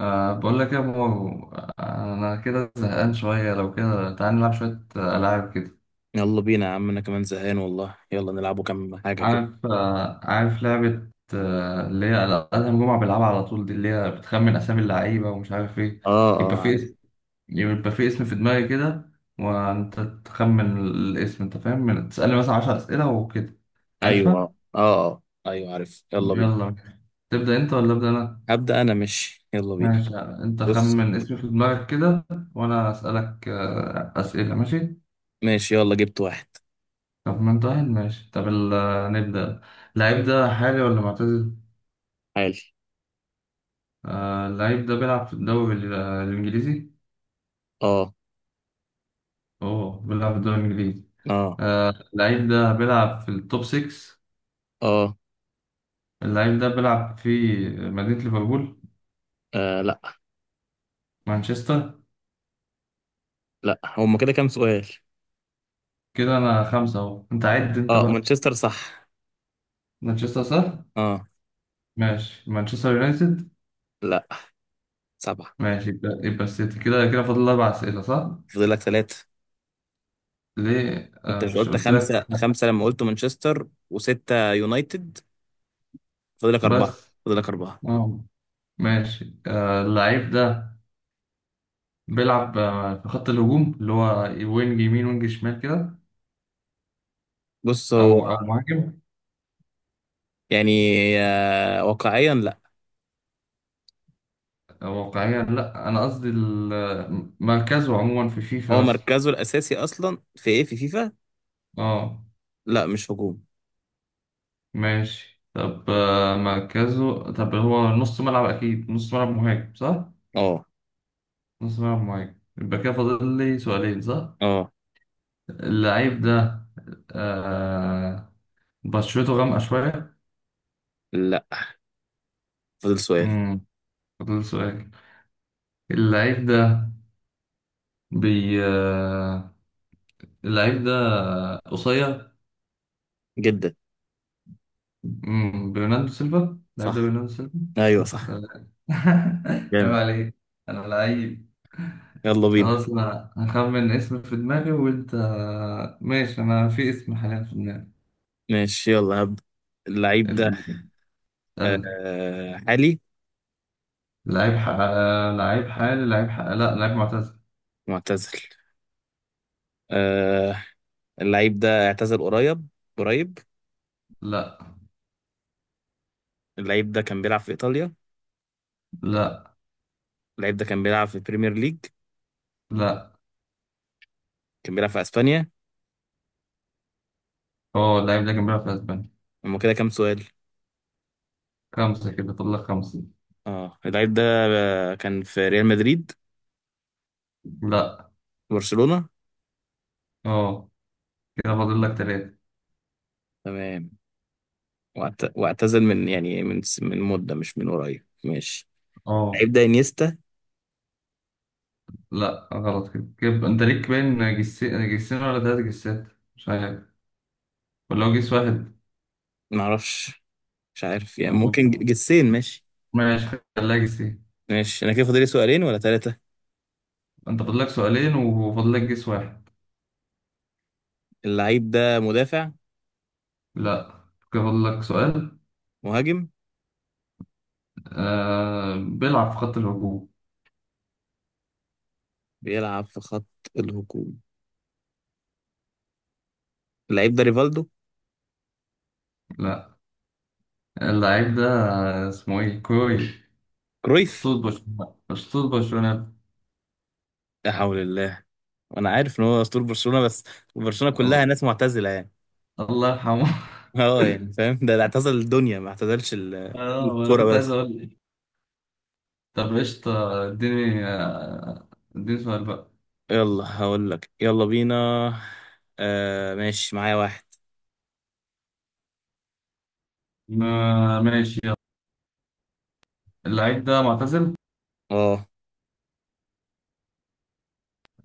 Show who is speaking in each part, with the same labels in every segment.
Speaker 1: بقول لك يا مو. أنا كده زهقان شوية، لو كده تعالى نلعب شوية ألعاب كده.
Speaker 2: يلا بينا يا عم، انا كمان زهقان والله. يلا نلعبوا كام حاجة كده.
Speaker 1: عارف لعبة، اللي هي أدهم جمعة بيلعبها على طول، دي اللي هي بتخمن أسامي اللعيبة ومش عارف إيه.
Speaker 2: اه
Speaker 1: يبقى
Speaker 2: اه،
Speaker 1: في
Speaker 2: عارف.
Speaker 1: اسم يبقى في اسم في دماغي كده، وأنت تخمن الاسم. أنت فاهم، تسألني مثلا 10 أسئلة وكده.
Speaker 2: ايوه
Speaker 1: عارفها؟
Speaker 2: اه اه ايوه، عارف، يلا بينا.
Speaker 1: يلا. تبدأ أنت ولا أبدأ أنا؟
Speaker 2: هبدأ انا، ماشي يلا بينا.
Speaker 1: ماشي، أنت
Speaker 2: بص.
Speaker 1: خمن اسم في دماغك كده وأنا أسألك أسئلة، ماشي؟
Speaker 2: ماشي، يلا جبت واحد.
Speaker 1: طب ما انت واحد، ماشي. طب نبدأ. اللعيب ده حالي ولا معتزل؟
Speaker 2: حالي.
Speaker 1: اللعيب ده بيلعب في الدوري الإنجليزي؟
Speaker 2: اه.
Speaker 1: أوه، بيلعب في الدوري الإنجليزي.
Speaker 2: اه.
Speaker 1: اللعيب ده بيلعب في التوب 6.
Speaker 2: اه.
Speaker 1: اللعيب ده بيلعب في مدينة ليفربول.
Speaker 2: آه، لا.
Speaker 1: مانشستر.
Speaker 2: لا، هما كده كام سؤال؟
Speaker 1: كده أنا خمسة أهو، أنت عد أنت
Speaker 2: اه،
Speaker 1: بقى.
Speaker 2: مانشستر صح.
Speaker 1: مانشستر صح؟
Speaker 2: اه.
Speaker 1: ماشي، مانشستر يونايتد.
Speaker 2: لا. سبعة.
Speaker 1: ماشي، يبقى السيتي. كده فاضل أربع أسئلة صح؟
Speaker 2: فاضلك ثلاثة.
Speaker 1: ليه؟
Speaker 2: انت مش
Speaker 1: مش
Speaker 2: قلت
Speaker 1: قلت لك.
Speaker 2: خمسة خمسة لما قلت مانشستر، وستة يونايتد؟ فاضلك أربعة.
Speaker 1: بس.
Speaker 2: فاضلك أربعة.
Speaker 1: آه ماشي. اللعيب ده بيلعب في خط الهجوم، اللي هو وينج يمين وينج شمال كده،
Speaker 2: بص،
Speaker 1: او
Speaker 2: هو
Speaker 1: او مهاجم.
Speaker 2: يعني، واقعيا لا.
Speaker 1: أو واقعيا لا، انا قصدي مركزه عموما في فيفا
Speaker 2: هو
Speaker 1: مثلا.
Speaker 2: مركزه الاساسي اصلا في ايه؟ في فيفا؟
Speaker 1: اه
Speaker 2: لا مش هجوم.
Speaker 1: ماشي. طب مركزه، طب هو نص ملعب اكيد، نص ملعب مهاجم صح.
Speaker 2: اه.
Speaker 1: نص ملعب مهاجم، يبقى كده فاضل لي سؤالين صح.
Speaker 2: اه.
Speaker 1: اللعيب ده آه بشرته غامقة شوية.
Speaker 2: لا. فضل سؤال.
Speaker 1: امم فاضل لي سؤال. اللعيب ده بي آه، اللعيب ده قصير.
Speaker 2: جدا.
Speaker 1: برناردو سيلفا. اللاعب ده
Speaker 2: صح.
Speaker 1: برناردو سيلفا.
Speaker 2: ايوه
Speaker 1: بس
Speaker 2: صح.
Speaker 1: أنا- عيب
Speaker 2: جامد.
Speaker 1: عليك، انا لعيب.
Speaker 2: يلا بينا.
Speaker 1: خلاص، انا هخمن اسم في دماغي وانت. ماشي، انا في اسم حاليا في دماغي.
Speaker 2: ماشي يلا هبدأ. اللعيب ده
Speaker 1: استنى.
Speaker 2: حالي.
Speaker 1: لعيب ح... لعيب حالي، لا، لعيب معتزل.
Speaker 2: معتزل. آه اللعيب ده اعتزل قريب. قريب.
Speaker 1: لا،
Speaker 2: اللعيب ده كان بيلعب في ايطاليا.
Speaker 1: لا،
Speaker 2: اللعيب ده كان بيلعب في بريمير ليج.
Speaker 1: لا.
Speaker 2: كان بيلعب في اسبانيا.
Speaker 1: اه، اللعيب ده كان بيلعب في اسبانيا.
Speaker 2: هما كده كام سؤال؟
Speaker 1: خمسة، كده فاضل لك خمسة.
Speaker 2: اه، اللعيب ده كان في ريال مدريد.
Speaker 1: لا.
Speaker 2: برشلونة.
Speaker 1: اه، كده فاضل لك تلاتة.
Speaker 2: تمام. واعتزل من، يعني من مدة، مش من قريب، ماشي.
Speaker 1: اه.
Speaker 2: لعيب ده انيستا.
Speaker 1: لا، غلط. كده انت ليك باين، جسين ولا تلات جسات، مش عارف، ولو جيس واحد.
Speaker 2: ما اعرفش. مش عارف يعني، ممكن جسين، ماشي.
Speaker 1: ماشي. خليها جيس ايه.
Speaker 2: ماشي، انا كده فاضل لي سؤالين ولا ثلاثة؟
Speaker 1: انت فاضلك سؤالين وفاضلك جيس واحد.
Speaker 2: اللعيب ده مدافع.
Speaker 1: لا، كده فاضلك سؤال.
Speaker 2: مهاجم.
Speaker 1: بيلعب في خط الهجوم.
Speaker 2: بيلعب في خط الهجوم. اللعيب ده ريفالدو.
Speaker 1: لا. اللعيب ده اسمه ايه كوي.
Speaker 2: كرويف.
Speaker 1: اسطول برشلونة، اسطول برشلونة.
Speaker 2: لا حول الله. وانا عارف ان هو اسطورة برشلونة بس. برشلونة كلها
Speaker 1: الله.
Speaker 2: ناس معتزلة يعني.
Speaker 1: الله يرحمه.
Speaker 2: اه يعني فاهم، ده اللي اعتزل الدنيا، ما اعتزلش
Speaker 1: اه، انا
Speaker 2: الكرة
Speaker 1: كنت عايز
Speaker 2: بس.
Speaker 1: اقول ايه. طب قشطة، اديني سؤال بقى.
Speaker 2: يلا هقول لك، يلا بينا. آه ماشي، معايا واحد.
Speaker 1: ماشي، يلا. اللعيب ده معتزل.
Speaker 2: اه.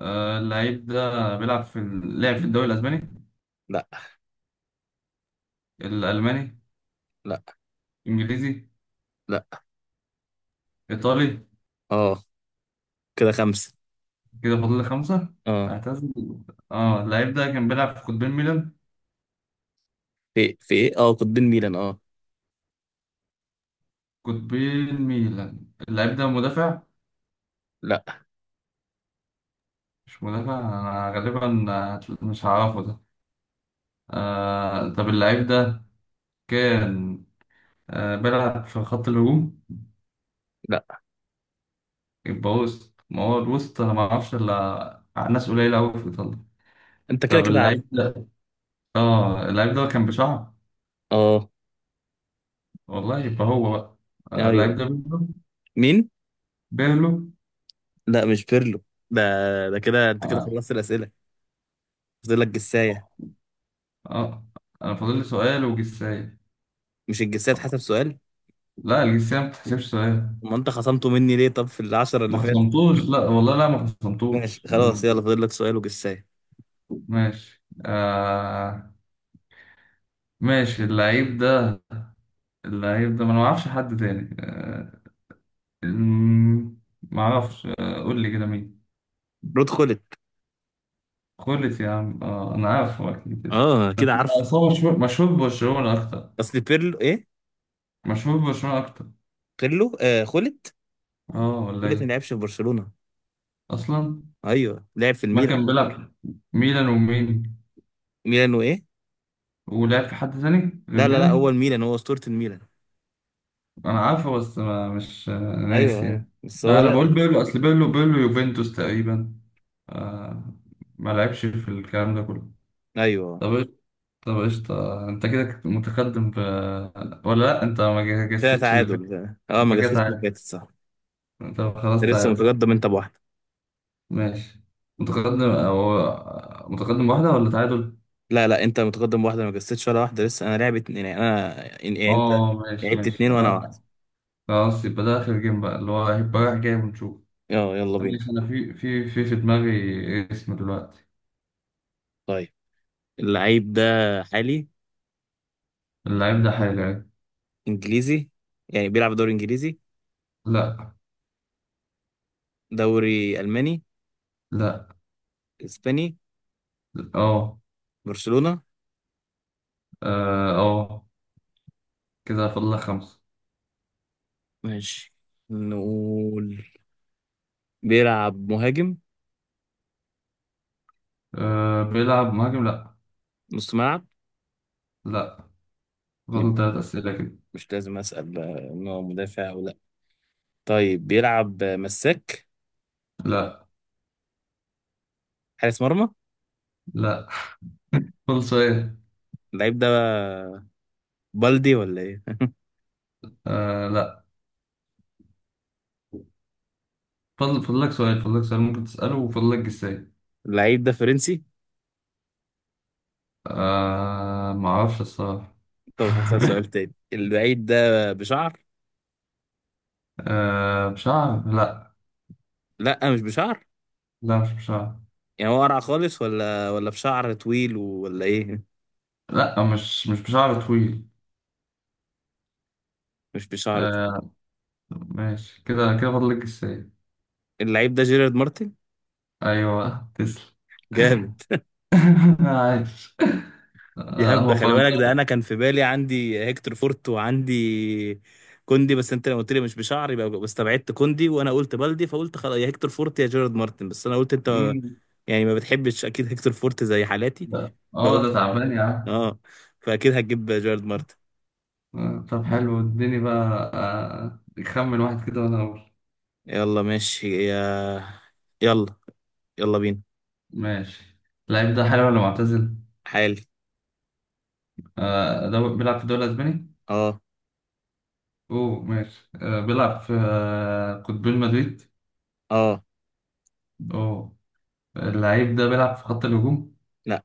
Speaker 1: اللعيب ده لعب في الدوري الاسباني؟
Speaker 2: لا.
Speaker 1: الالماني؟
Speaker 2: لا.
Speaker 1: انجليزي؟
Speaker 2: لا.
Speaker 1: إيطالي؟
Speaker 2: اه. كده خمسة.
Speaker 1: كده فاضل لي خمسة.
Speaker 2: اه.
Speaker 1: اعتزل. اه، اللعيب ده كان بيلعب في قطبين ميلان.
Speaker 2: في ايه، اه، قطبين ميلان، اه.
Speaker 1: قطبين ميلان، اللعيب ده مدافع.
Speaker 2: لا.
Speaker 1: مش مدافع أنا غالبا. مش هعرفه ده. طب اللعيب ده كان بيلعب في خط الهجوم.
Speaker 2: لا.
Speaker 1: يبقى وسط، ما هو الوسط أنا معرفش إلا ناس قليلة أوي في إيطاليا.
Speaker 2: انت كده
Speaker 1: طب
Speaker 2: كده عارف.
Speaker 1: اللعيب ده اه اللعيب ده كان بشعر،
Speaker 2: اه.
Speaker 1: والله. يبقى هو بقى اللعيب
Speaker 2: ايوه.
Speaker 1: ده بيرلو.
Speaker 2: مين؟
Speaker 1: بيرلو.
Speaker 2: لا مش بيرلو. ده. ده كده انت كده
Speaker 1: اه
Speaker 2: خلصت الأسئلة. فاضل لك جساية.
Speaker 1: آه. أنا فاضل لي سؤال وجساية.
Speaker 2: مش الجساية حسب سؤال؟
Speaker 1: لا، الجنسية ما بتحسبش سؤال.
Speaker 2: ما انت خصمته مني ليه طب في العشرة
Speaker 1: ما
Speaker 2: اللي فاتت؟
Speaker 1: خصمتوش، لا والله، لا ما
Speaker 2: ماشي
Speaker 1: خصمتوش.
Speaker 2: خلاص، يلا فاضل لك سؤال وجساية.
Speaker 1: ماشي. ماشي، اللعيب ده. اللعيب ده، ما انا ما اعرفش حد تاني. ما اعرفش. قول لي كده مين.
Speaker 2: رود خلت.
Speaker 1: خلت يا عم. انا عارف هو اكيد، بس.
Speaker 2: اه
Speaker 1: بس
Speaker 2: كده عارفه.
Speaker 1: أصل هو مشهور، مشهور ببرشلونة اكتر،
Speaker 2: اصل بيرلو ايه؟
Speaker 1: مشهور ببرشلونة اكتر.
Speaker 2: بيرلو آه، خلت.
Speaker 1: اه ولا
Speaker 2: خلت ما
Speaker 1: ايه.
Speaker 2: لعبش في برشلونة.
Speaker 1: اصلا
Speaker 2: ايوه لعب في
Speaker 1: ما
Speaker 2: الميلان.
Speaker 1: كان بيلعب. ميلان ومين؟
Speaker 2: ميلان وايه؟
Speaker 1: ولعب في حد تاني غير
Speaker 2: لا لا لا، هو
Speaker 1: ميلان؟
Speaker 2: الميلان، هو أسطورة الميلان.
Speaker 1: انا عارفه بس ما مش ناسي
Speaker 2: ايوه ايوه،
Speaker 1: يعني.
Speaker 2: بس هو
Speaker 1: انا
Speaker 2: لا
Speaker 1: بقول
Speaker 2: ده.
Speaker 1: بيرلو، اصل بيرلو يوفنتوس تقريبا. آه. ما لعبش في الكلام ده كله.
Speaker 2: ايوه
Speaker 1: طب طب قشطة، انت كده كنت متقدم ولا لا، انت ما
Speaker 2: كده
Speaker 1: جسدتش اللي
Speaker 2: تعادل
Speaker 1: فات.
Speaker 2: ده. اه، ما
Speaker 1: يبقى كده
Speaker 2: جسستش اللي
Speaker 1: تعادل.
Speaker 2: فاتت، صح.
Speaker 1: طب
Speaker 2: ده
Speaker 1: خلاص،
Speaker 2: لسه
Speaker 1: تعادل.
Speaker 2: متقدم انت بواحده.
Speaker 1: ماشي. متقدم او متقدم واحدة ولا تعادل.
Speaker 2: لا لا، انت متقدم بواحده، ما جسستش ولا واحده لسه. انا لعبت اتنين، يعني انا، يعني انت
Speaker 1: اه ماشي،
Speaker 2: لعبت
Speaker 1: ماشي
Speaker 2: اتنين وانا
Speaker 1: آه،
Speaker 2: واحده.
Speaker 1: خلاص يبقى ده اخر جيم بقى، اللي هو هيبقى رايح جاي ونشوف.
Speaker 2: اه، يلا بينا.
Speaker 1: ماشي، انا في دماغي اسم دلوقتي.
Speaker 2: طيب. اللعيب ده حالي.
Speaker 1: اللعيب ده حلو.
Speaker 2: انجليزي، يعني بيلعب دوري انجليزي.
Speaker 1: لا.
Speaker 2: دوري الماني.
Speaker 1: لا.
Speaker 2: اسباني.
Speaker 1: اه.
Speaker 2: برشلونة.
Speaker 1: اه. آه. كده فاضل لك خمسة.
Speaker 2: ماشي. نقول بيلعب مهاجم.
Speaker 1: بيلعب مهاجم، لا.
Speaker 2: نص ملعب.
Speaker 1: لا. فاضل
Speaker 2: يبقى
Speaker 1: تلات أسئلة كده.
Speaker 2: مش لازم اسال بقى ان هو مدافع. طيب بيلعب مساك.
Speaker 1: لا.
Speaker 2: حارس مرمى.
Speaker 1: لا. فاضل سؤال.
Speaker 2: اللعيب ده بلدي ولا ايه؟
Speaker 1: لا. فاضل لك سؤال ممكن تسأله، وفاضل لك جساي.
Speaker 2: اللعيب ده فرنسي.
Speaker 1: ما أعرفش الصراحة.
Speaker 2: طب هسأل سؤال تاني، اللعيب ده بشعر.
Speaker 1: بشعر، لا.
Speaker 2: لا مش بشعر.
Speaker 1: لا، مش بشعر.
Speaker 2: يعني هو قرع خالص، ولا بشعر طويل، ولا ايه؟
Speaker 1: لا، مش بشعر طويل.
Speaker 2: مش بشعر طويل.
Speaker 1: آه. ماشي، كده فاضل لك جساي.
Speaker 2: اللعيب ده جيرارد مارتن.
Speaker 1: أيوه، تسلم.
Speaker 2: جامد.
Speaker 1: عايش.
Speaker 2: دي
Speaker 1: هو
Speaker 2: هبدة، خلي بالك، ده انا كان في بالي عندي هيكتور فورت وعندي كوندي، بس انت لما قلت لي مش بشعر يبقى بس، استبعدت كوندي، وانا قلت بلدي، فقلت خلاص، يا هيكتور فورت يا جيرارد مارتن، بس انا قلت انت
Speaker 1: فرنساوي؟
Speaker 2: يعني ما بتحبش اكيد هيكتور فورت زي حالاتي.
Speaker 1: ده
Speaker 2: فقلت
Speaker 1: تعبان يا عم.
Speaker 2: اه، فاكيد هتجيب جارد مارتن.
Speaker 1: طب حلو، اديني بقى. خمن واحد كده وانا اقول.
Speaker 2: يلا ماشي يا، يلا، يلا بينا.
Speaker 1: ماشي. اللعيب ده حلو ولا معتزل؟
Speaker 2: حالي.
Speaker 1: ده بيلعب في الدوري الاسباني؟
Speaker 2: اه.
Speaker 1: اوه ماشي. بيلعب في قطبين مدريد؟
Speaker 2: اه.
Speaker 1: اوه. اللعيب ده بيلعب في خط الهجوم؟
Speaker 2: لا.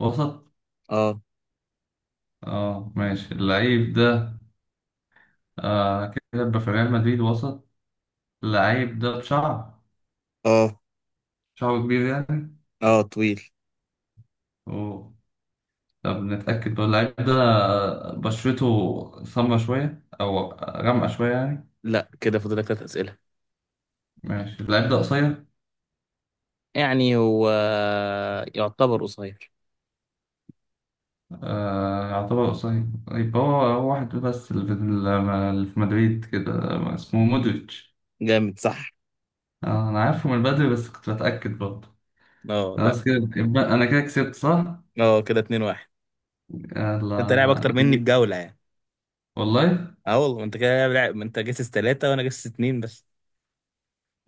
Speaker 1: وسط؟
Speaker 2: اه.
Speaker 1: اه ماشي، اللعيب ده كده يبقى في ريال مدريد، وسط. اللعيب ده بشعر.
Speaker 2: اه.
Speaker 1: شعره كبير يعني؟
Speaker 2: اه طويل.
Speaker 1: اوه. طب نتأكد، هو اللعيب ده بشرته سمرا شوية أو غامقة شوية يعني.
Speaker 2: لا، كده فاضلك ثلاث اسئله.
Speaker 1: ماشي، اللعيب ده قصير.
Speaker 2: يعني هو يعتبر قصير.
Speaker 1: يعتبر قصير، يبقى هو واحد بس اللي في مدريد كده، اسمه مودريتش.
Speaker 2: جامد صح.
Speaker 1: أنا عارفه من بدري بس كنت بتأكد برضه.
Speaker 2: اه.
Speaker 1: خلاص،
Speaker 2: لا.
Speaker 1: كده يبقى أنا كده كسبت صح؟
Speaker 2: اه كده 2-1.
Speaker 1: يلا
Speaker 2: انت لاعب اكتر مني
Speaker 1: أجيبه.
Speaker 2: بجوله يعني.
Speaker 1: والله.
Speaker 2: اه والله، انت كده لاعب، ما انت جسس ثلاثه وانا جسس اتنين بس.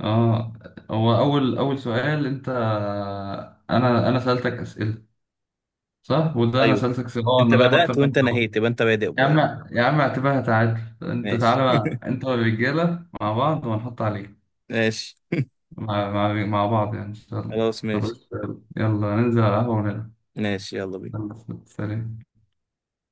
Speaker 1: اه، هو أول سؤال أنت، أنا سألتك أسئلة صح؟ وده أنا
Speaker 2: ايوه.
Speaker 1: سألتك أسئلة،
Speaker 2: انت
Speaker 1: أنا لاعب أكتر
Speaker 2: بدات
Speaker 1: منك.
Speaker 2: وانت نهيت، يبقى انت بادئ
Speaker 1: يا
Speaker 2: ب-
Speaker 1: عم، يا عم اعتبرها تعادل. انت
Speaker 2: ماشي.
Speaker 1: تعالى بقى انت والرجاله مع بعض وهنحط عليك.
Speaker 2: ماشي.
Speaker 1: مع بعض يعني، ان شاء الله.
Speaker 2: خلاص
Speaker 1: طب
Speaker 2: ماشي.
Speaker 1: قشطة، يلا. يلا ننزل على القهوه ونلعب.
Speaker 2: ماشي يلا بينا.
Speaker 1: يلا، سلام.